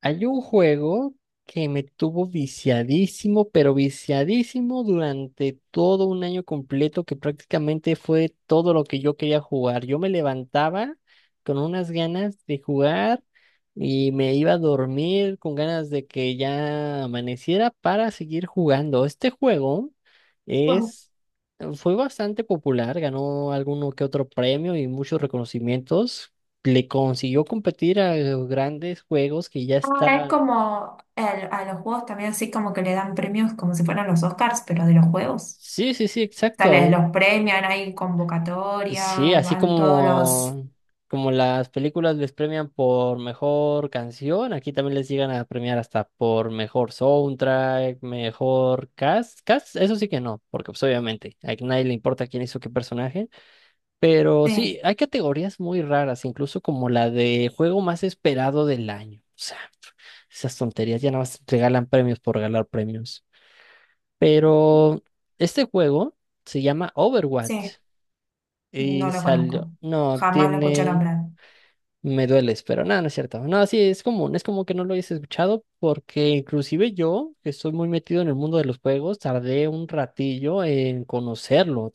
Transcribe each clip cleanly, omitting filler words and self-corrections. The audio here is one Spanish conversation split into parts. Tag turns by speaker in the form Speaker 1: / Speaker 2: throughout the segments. Speaker 1: Hay un juego que me tuvo viciadísimo, pero viciadísimo durante todo un año completo, que prácticamente fue todo lo que yo quería jugar. Yo me levantaba con unas ganas de jugar y me iba a dormir con ganas de que ya amaneciera para seguir jugando. Este juego
Speaker 2: Pues...
Speaker 1: es, fue bastante popular, ganó alguno que otro premio y muchos reconocimientos, le consiguió competir a los grandes juegos que ya
Speaker 2: Es
Speaker 1: estaban.
Speaker 2: como el- a los juegos también así como que le dan premios como si fueran los Oscars, pero de los juegos.
Speaker 1: Sí, sí, sí,
Speaker 2: O sea,
Speaker 1: exacto.
Speaker 2: les- los premian, hay convocatoria,
Speaker 1: Sí, así
Speaker 2: van todos los...
Speaker 1: como como las películas les premian por mejor canción, aquí también les llegan a premiar hasta por mejor soundtrack, mejor cast. Cast, eso sí que no, porque pues obviamente a nadie le importa quién hizo qué personaje. Pero
Speaker 2: Sí,
Speaker 1: sí, hay categorías muy raras, incluso como la de juego más esperado del año. O sea, esas tonterías ya nada más regalan premios por regalar premios. Pero este juego se llama Overwatch
Speaker 2: sí, no
Speaker 1: y
Speaker 2: lo conozco.
Speaker 1: salió. No,
Speaker 2: Jamás lo escuché
Speaker 1: tiene.
Speaker 2: nombrar.
Speaker 1: Me dueles, pero nada, no es cierto. No, sí, es común, es como que no lo hayas escuchado, porque inclusive yo, que estoy muy metido en el mundo de los juegos, tardé un ratillo en conocerlo.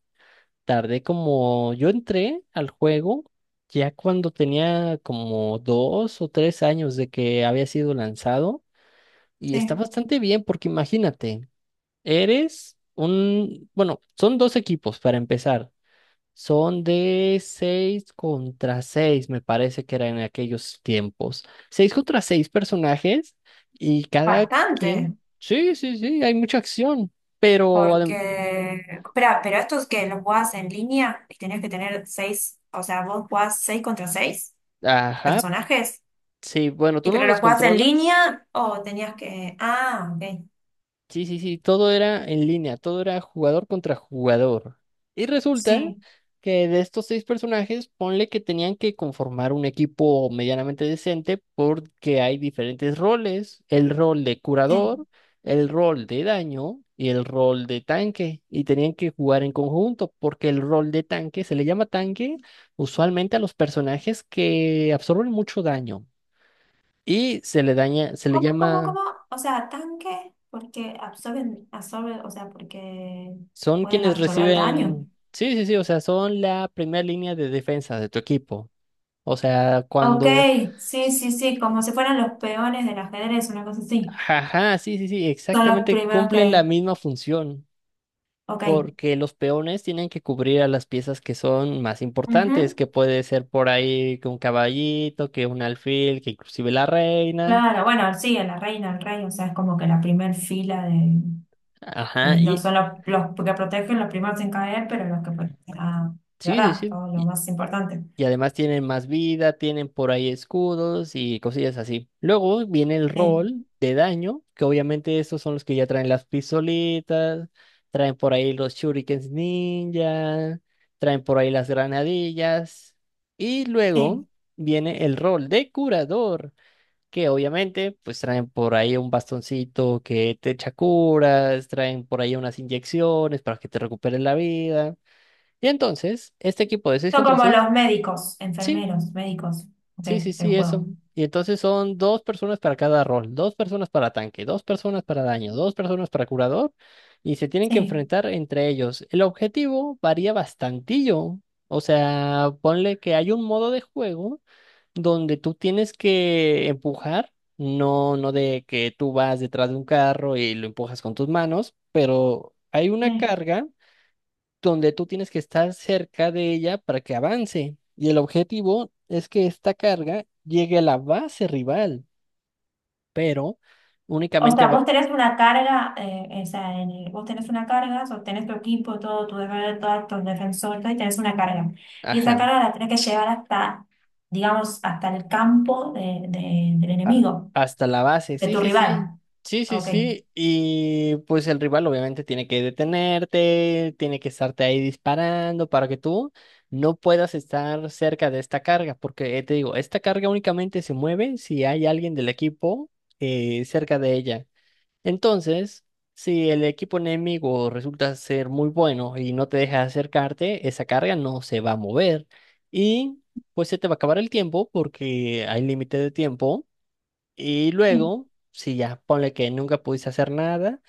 Speaker 1: Tardé como. Yo entré al juego ya cuando tenía como dos o tres años de que había sido lanzado, y está
Speaker 2: Sí,
Speaker 1: bastante bien porque imagínate. Bueno, son dos equipos para empezar. Son de 6 contra seis, me parece que era en aquellos tiempos. Seis contra 6 personajes, y
Speaker 2: bastante,
Speaker 1: sí, sí, sí, hay mucha acción, pero... adem-
Speaker 2: porque... Espera, pero estos que los jugás en línea y tenés que tener seis, o sea, vos jugás seis contra seis
Speaker 1: ajá,
Speaker 2: personajes,
Speaker 1: sí, bueno,
Speaker 2: y
Speaker 1: tú no
Speaker 2: pero
Speaker 1: los
Speaker 2: los jugás en
Speaker 1: controlas.
Speaker 2: línea o tenías que... Ah, ok.
Speaker 1: Sí, sí, sí, todo era en línea, todo era jugador contra jugador. Y resulta
Speaker 2: Sí,
Speaker 1: que de estos seis personajes, ponle que tenían que conformar un equipo medianamente decente porque hay diferentes roles: el rol de
Speaker 2: sí.
Speaker 1: curador, el rol de daño y el rol de tanque. Y tenían que jugar en conjunto porque el rol de tanque, se le llama tanque usualmente a los personajes que absorben mucho daño. Y se le daña, se le
Speaker 2: ¿Cómo, cómo,
Speaker 1: llama
Speaker 2: cómo? O sea, tanque porque absorben, o sea, porque
Speaker 1: Son
Speaker 2: pueden
Speaker 1: quienes
Speaker 2: absorber daño.
Speaker 1: reciben, sí, sí, sí, o sea, son la primera línea de defensa de tu equipo. O sea,
Speaker 2: Ok,
Speaker 1: cuando,
Speaker 2: sí, sí, sí, como si fueran los peones del ajedrez, una cosa así.
Speaker 1: ajá, sí, sí, sí,
Speaker 2: Son los
Speaker 1: exactamente
Speaker 2: primeros
Speaker 1: cumplen la
Speaker 2: que...
Speaker 1: misma función,
Speaker 2: Ok.
Speaker 1: porque los peones tienen que cubrir a las piezas que son más importantes,
Speaker 2: Ujú.
Speaker 1: que puede ser por ahí que un caballito, que un alfil, que inclusive la reina.
Speaker 2: Claro, bueno, sí, a la reina, al rey, o sea, es como que la primer fila de...
Speaker 1: Ajá,
Speaker 2: es lo-
Speaker 1: y
Speaker 2: son los que protegen los primeros en caer, pero los que... protegen- Ah,
Speaker 1: sí,
Speaker 2: ¿verdad?
Speaker 1: sí,
Speaker 2: Todo lo
Speaker 1: sí.
Speaker 2: más importante.
Speaker 1: Y además tienen más vida, tienen por ahí escudos y cosillas así. Luego viene el
Speaker 2: Sí,
Speaker 1: rol de daño, que obviamente estos son los que ya traen las pistolitas, traen por ahí los shurikens ninja, traen por ahí las granadillas. Y
Speaker 2: sí.
Speaker 1: luego viene el rol de curador, que obviamente pues traen por ahí un bastoncito que te echa curas, traen por ahí unas inyecciones para que te recuperes la vida. Y entonces, este equipo de 6
Speaker 2: Son
Speaker 1: contra
Speaker 2: como
Speaker 1: seis.
Speaker 2: los médicos,
Speaker 1: Sí.
Speaker 2: enfermeros, médicos, ok,
Speaker 1: Sí, sí,
Speaker 2: del
Speaker 1: sí, eso.
Speaker 2: juego.
Speaker 1: Y entonces son dos personas para cada rol: dos personas para tanque, dos personas para daño, dos personas para curador, y se tienen que
Speaker 2: Sí,
Speaker 1: enfrentar entre ellos. El objetivo varía bastantillo. O sea, ponle que hay un modo de juego donde tú tienes que empujar, no, no de que tú vas detrás de un carro y lo empujas con tus manos, pero hay una
Speaker 2: sí.
Speaker 1: carga donde tú tienes que estar cerca de ella para que avance. Y el objetivo es que esta carga llegue a la base rival, pero
Speaker 2: O
Speaker 1: únicamente
Speaker 2: sea,
Speaker 1: va-
Speaker 2: vos tenés una carga, o sea, en el- vos tenés una carga, sostenés tu equipo, todo tu defensor, todos tus defensores, todo, y tenés una carga. Y esa
Speaker 1: ajá,
Speaker 2: carga la tenés que llevar hasta, digamos, hasta el campo de- del
Speaker 1: a-
Speaker 2: enemigo,
Speaker 1: hasta la base.
Speaker 2: de
Speaker 1: Sí,
Speaker 2: tu
Speaker 1: sí, sí.
Speaker 2: rival.
Speaker 1: Sí, sí,
Speaker 2: Ok.
Speaker 1: sí. Y pues el rival obviamente tiene que detenerte, tiene que estarte ahí disparando para que tú no puedas estar cerca de esta carga, porque te digo, esta carga únicamente se mueve si hay alguien del equipo cerca de ella. Entonces, si el equipo enemigo resulta ser muy bueno y no te deja acercarte, esa carga no se va a mover, y pues se te va a acabar el tiempo, porque hay límite de tiempo. Y
Speaker 2: Sí.
Speaker 1: luego, si ya ponle que nunca pudiste hacer nada,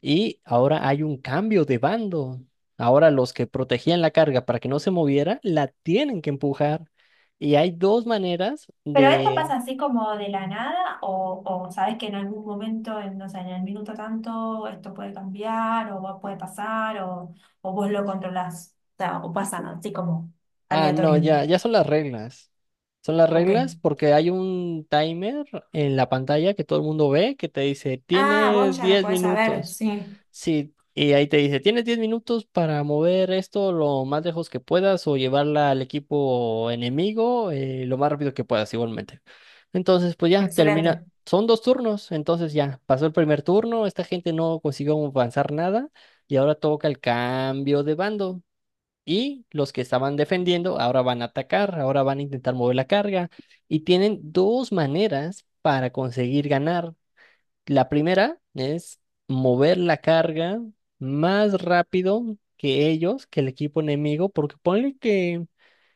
Speaker 1: y ahora hay un cambio de bando. Ahora los que protegían la carga para que no se moviera, la tienen que empujar. Y hay dos maneras.
Speaker 2: Pero esto pasa así como de la nada, o sabes que en algún momento, en, no sé, en el minuto tanto, esto puede cambiar, o vos- puede pasar, o vos lo controlás. O sea, o pasa así como
Speaker 1: Ah, no,
Speaker 2: aleatorio.
Speaker 1: ya, ya son las reglas. Son las
Speaker 2: Ok.
Speaker 1: reglas porque hay un timer en la pantalla que todo el mundo ve que te dice:
Speaker 2: Ah, vos
Speaker 1: tienes
Speaker 2: ya lo
Speaker 1: 10
Speaker 2: podés saber,
Speaker 1: minutos.
Speaker 2: sí.
Speaker 1: Sí, y ahí te dice: tienes 10 minutos para mover esto lo más lejos que puedas, o llevarla al equipo enemigo, lo más rápido que puedas igualmente. Entonces, pues ya
Speaker 2: Excelente.
Speaker 1: termina. Son dos turnos, entonces ya pasó el primer turno, esta gente no consiguió avanzar nada, y ahora toca el cambio de bando. Y los que estaban defendiendo ahora van a atacar, ahora van a intentar mover la carga. Y tienen dos maneras para conseguir ganar. La primera es mover la carga más rápido que ellos, que el equipo enemigo, porque ponle que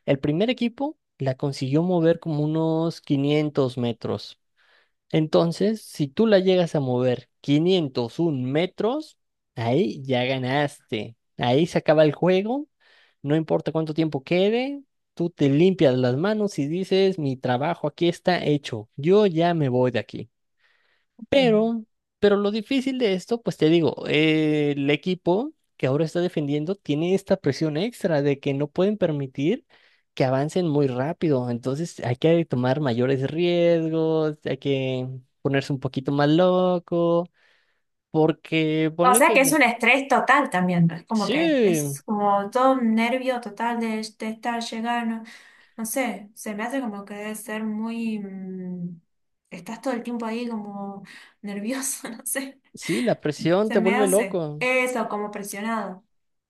Speaker 1: el primer equipo la consiguió mover como unos 500 metros. Entonces, si tú la llegas a mover 501 metros, ahí ya ganaste. Ahí se acaba el juego, no importa cuánto tiempo quede, tú te limpias las manos y dices: mi trabajo aquí está hecho, yo ya me voy de aquí.
Speaker 2: Ok.
Speaker 1: Pero, pero lo difícil de esto, pues te digo, el equipo que ahora está defendiendo tiene esta presión extra de que no pueden permitir que avancen muy rápido. Entonces hay que tomar mayores riesgos, hay que ponerse un poquito más loco, porque
Speaker 2: No, o
Speaker 1: ponle
Speaker 2: sea que es un estrés total también, ¿no? Es como que
Speaker 1: sí,
Speaker 2: es como todo un nervio total de estar llegando. No sé, se me hace como que debe ser muy... estás todo el tiempo ahí como nervioso, no sé.
Speaker 1: sí, la presión
Speaker 2: Se
Speaker 1: te
Speaker 2: me
Speaker 1: vuelve
Speaker 2: hace.
Speaker 1: loco.
Speaker 2: Eso, como presionado.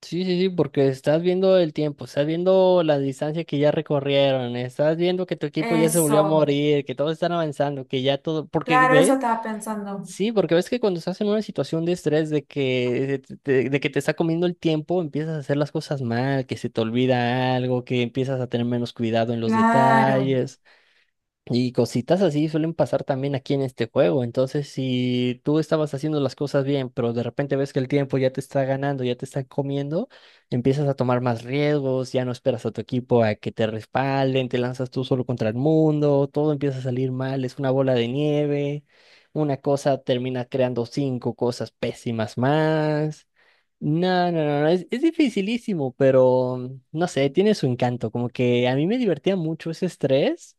Speaker 1: Sí, sí, sí, porque estás viendo el tiempo, estás viendo la distancia que ya recorrieron, estás viendo que tu equipo ya se
Speaker 2: Eso.
Speaker 1: volvió a morir, que todos están avanzando, que ya todo, porque
Speaker 2: Claro, eso
Speaker 1: ves,
Speaker 2: estaba pensando.
Speaker 1: sí, porque ves que cuando estás en una situación de estrés, de que te está comiendo el tiempo, empiezas a hacer las cosas mal, que se te olvida algo, que empiezas a tener menos cuidado en los
Speaker 2: Claro.
Speaker 1: detalles. Y cositas así suelen pasar también aquí en este juego. Entonces, si tú estabas haciendo las cosas bien, pero de repente ves que el tiempo ya te está ganando, ya te está comiendo, empiezas a tomar más riesgos, ya no esperas a tu equipo a que te respalden, te lanzas tú solo contra el mundo, todo empieza a salir mal, es una bola de nieve, una cosa termina creando cinco cosas pésimas más. No, no, no, no, es dificilísimo, pero no sé, tiene su encanto, como que a mí me divertía mucho ese estrés.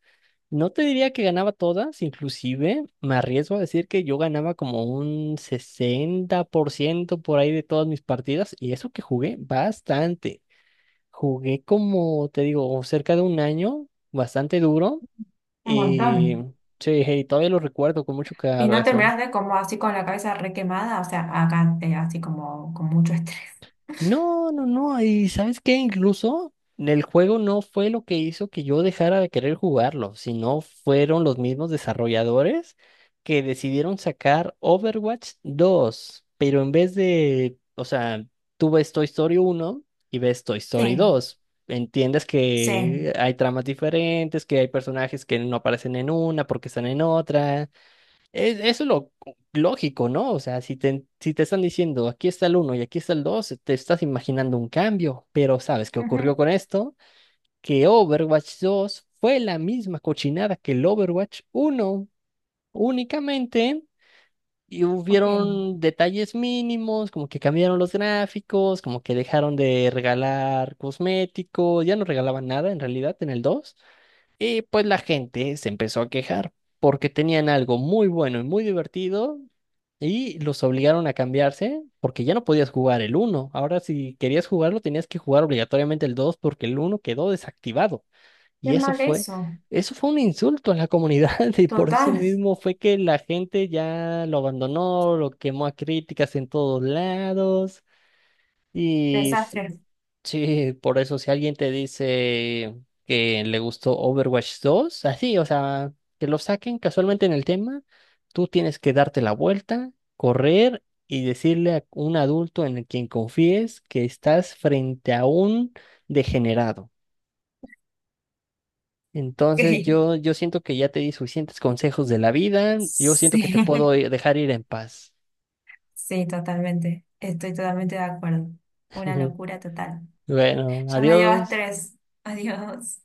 Speaker 1: No te diría que ganaba todas, inclusive me arriesgo a decir que yo ganaba como un 60% por ahí de todas mis partidas, y eso que jugué bastante. Jugué como, te digo, cerca de un año, bastante duro.
Speaker 2: Un montón.
Speaker 1: Y sí, hey, todavía lo recuerdo con mucho
Speaker 2: Y no
Speaker 1: corazón.
Speaker 2: terminas de como así con la cabeza requemada, o sea, acá te así como con mucho estrés.
Speaker 1: No, no, no. Y ¿sabes qué? Incluso el juego no fue lo que hizo que yo dejara de querer jugarlo, sino fueron los mismos desarrolladores que decidieron sacar Overwatch dos, pero en vez de, o sea, tú ves Toy Story uno y ves Toy Story
Speaker 2: Sí,
Speaker 1: 2. Entiendes
Speaker 2: sí.
Speaker 1: que hay tramas diferentes, que hay personajes que no aparecen en una porque están en otra. Eso es lo lógico, ¿no? O sea, si te están diciendo aquí está el uno y aquí está el dos, te estás imaginando un cambio, pero ¿sabes qué ocurrió
Speaker 2: Ujú.
Speaker 1: con esto? Que Overwatch dos fue la misma cochinada que el Overwatch uno únicamente, y
Speaker 2: Ok.
Speaker 1: hubieron detalles mínimos, como que cambiaron los gráficos, como que dejaron de regalar cosméticos, ya no regalaban nada en realidad en el dos, y pues la gente se empezó a quejar porque tenían algo muy bueno y muy divertido, y los obligaron a cambiarse porque ya no podías jugar el uno. Ahora, si querías jugarlo, tenías que jugar obligatoriamente el dos, porque el uno quedó desactivado. Y
Speaker 2: Qué
Speaker 1: eso
Speaker 2: mal
Speaker 1: fue,
Speaker 2: eso.
Speaker 1: eso fue un insulto a la comunidad y por eso
Speaker 2: Total.
Speaker 1: mismo fue que la gente ya lo abandonó, lo quemó a críticas en todos lados. Y
Speaker 2: Desastre.
Speaker 1: sí, por eso si alguien te dice que le gustó Overwatch dos, así, o sea, que lo saquen casualmente en el tema, tú tienes que darte la vuelta, correr y decirle a un adulto en el quien confíes que estás frente a un degenerado. Entonces
Speaker 2: Ok.
Speaker 1: yo siento que ya te di suficientes consejos de la vida, yo siento
Speaker 2: Sí,
Speaker 1: que te puedo dejar ir en paz.
Speaker 2: sí, totalmente. Estoy totalmente de acuerdo. Una locura total.
Speaker 1: Bueno,
Speaker 2: Ya me dio
Speaker 1: adiós.
Speaker 2: estrés. Adiós.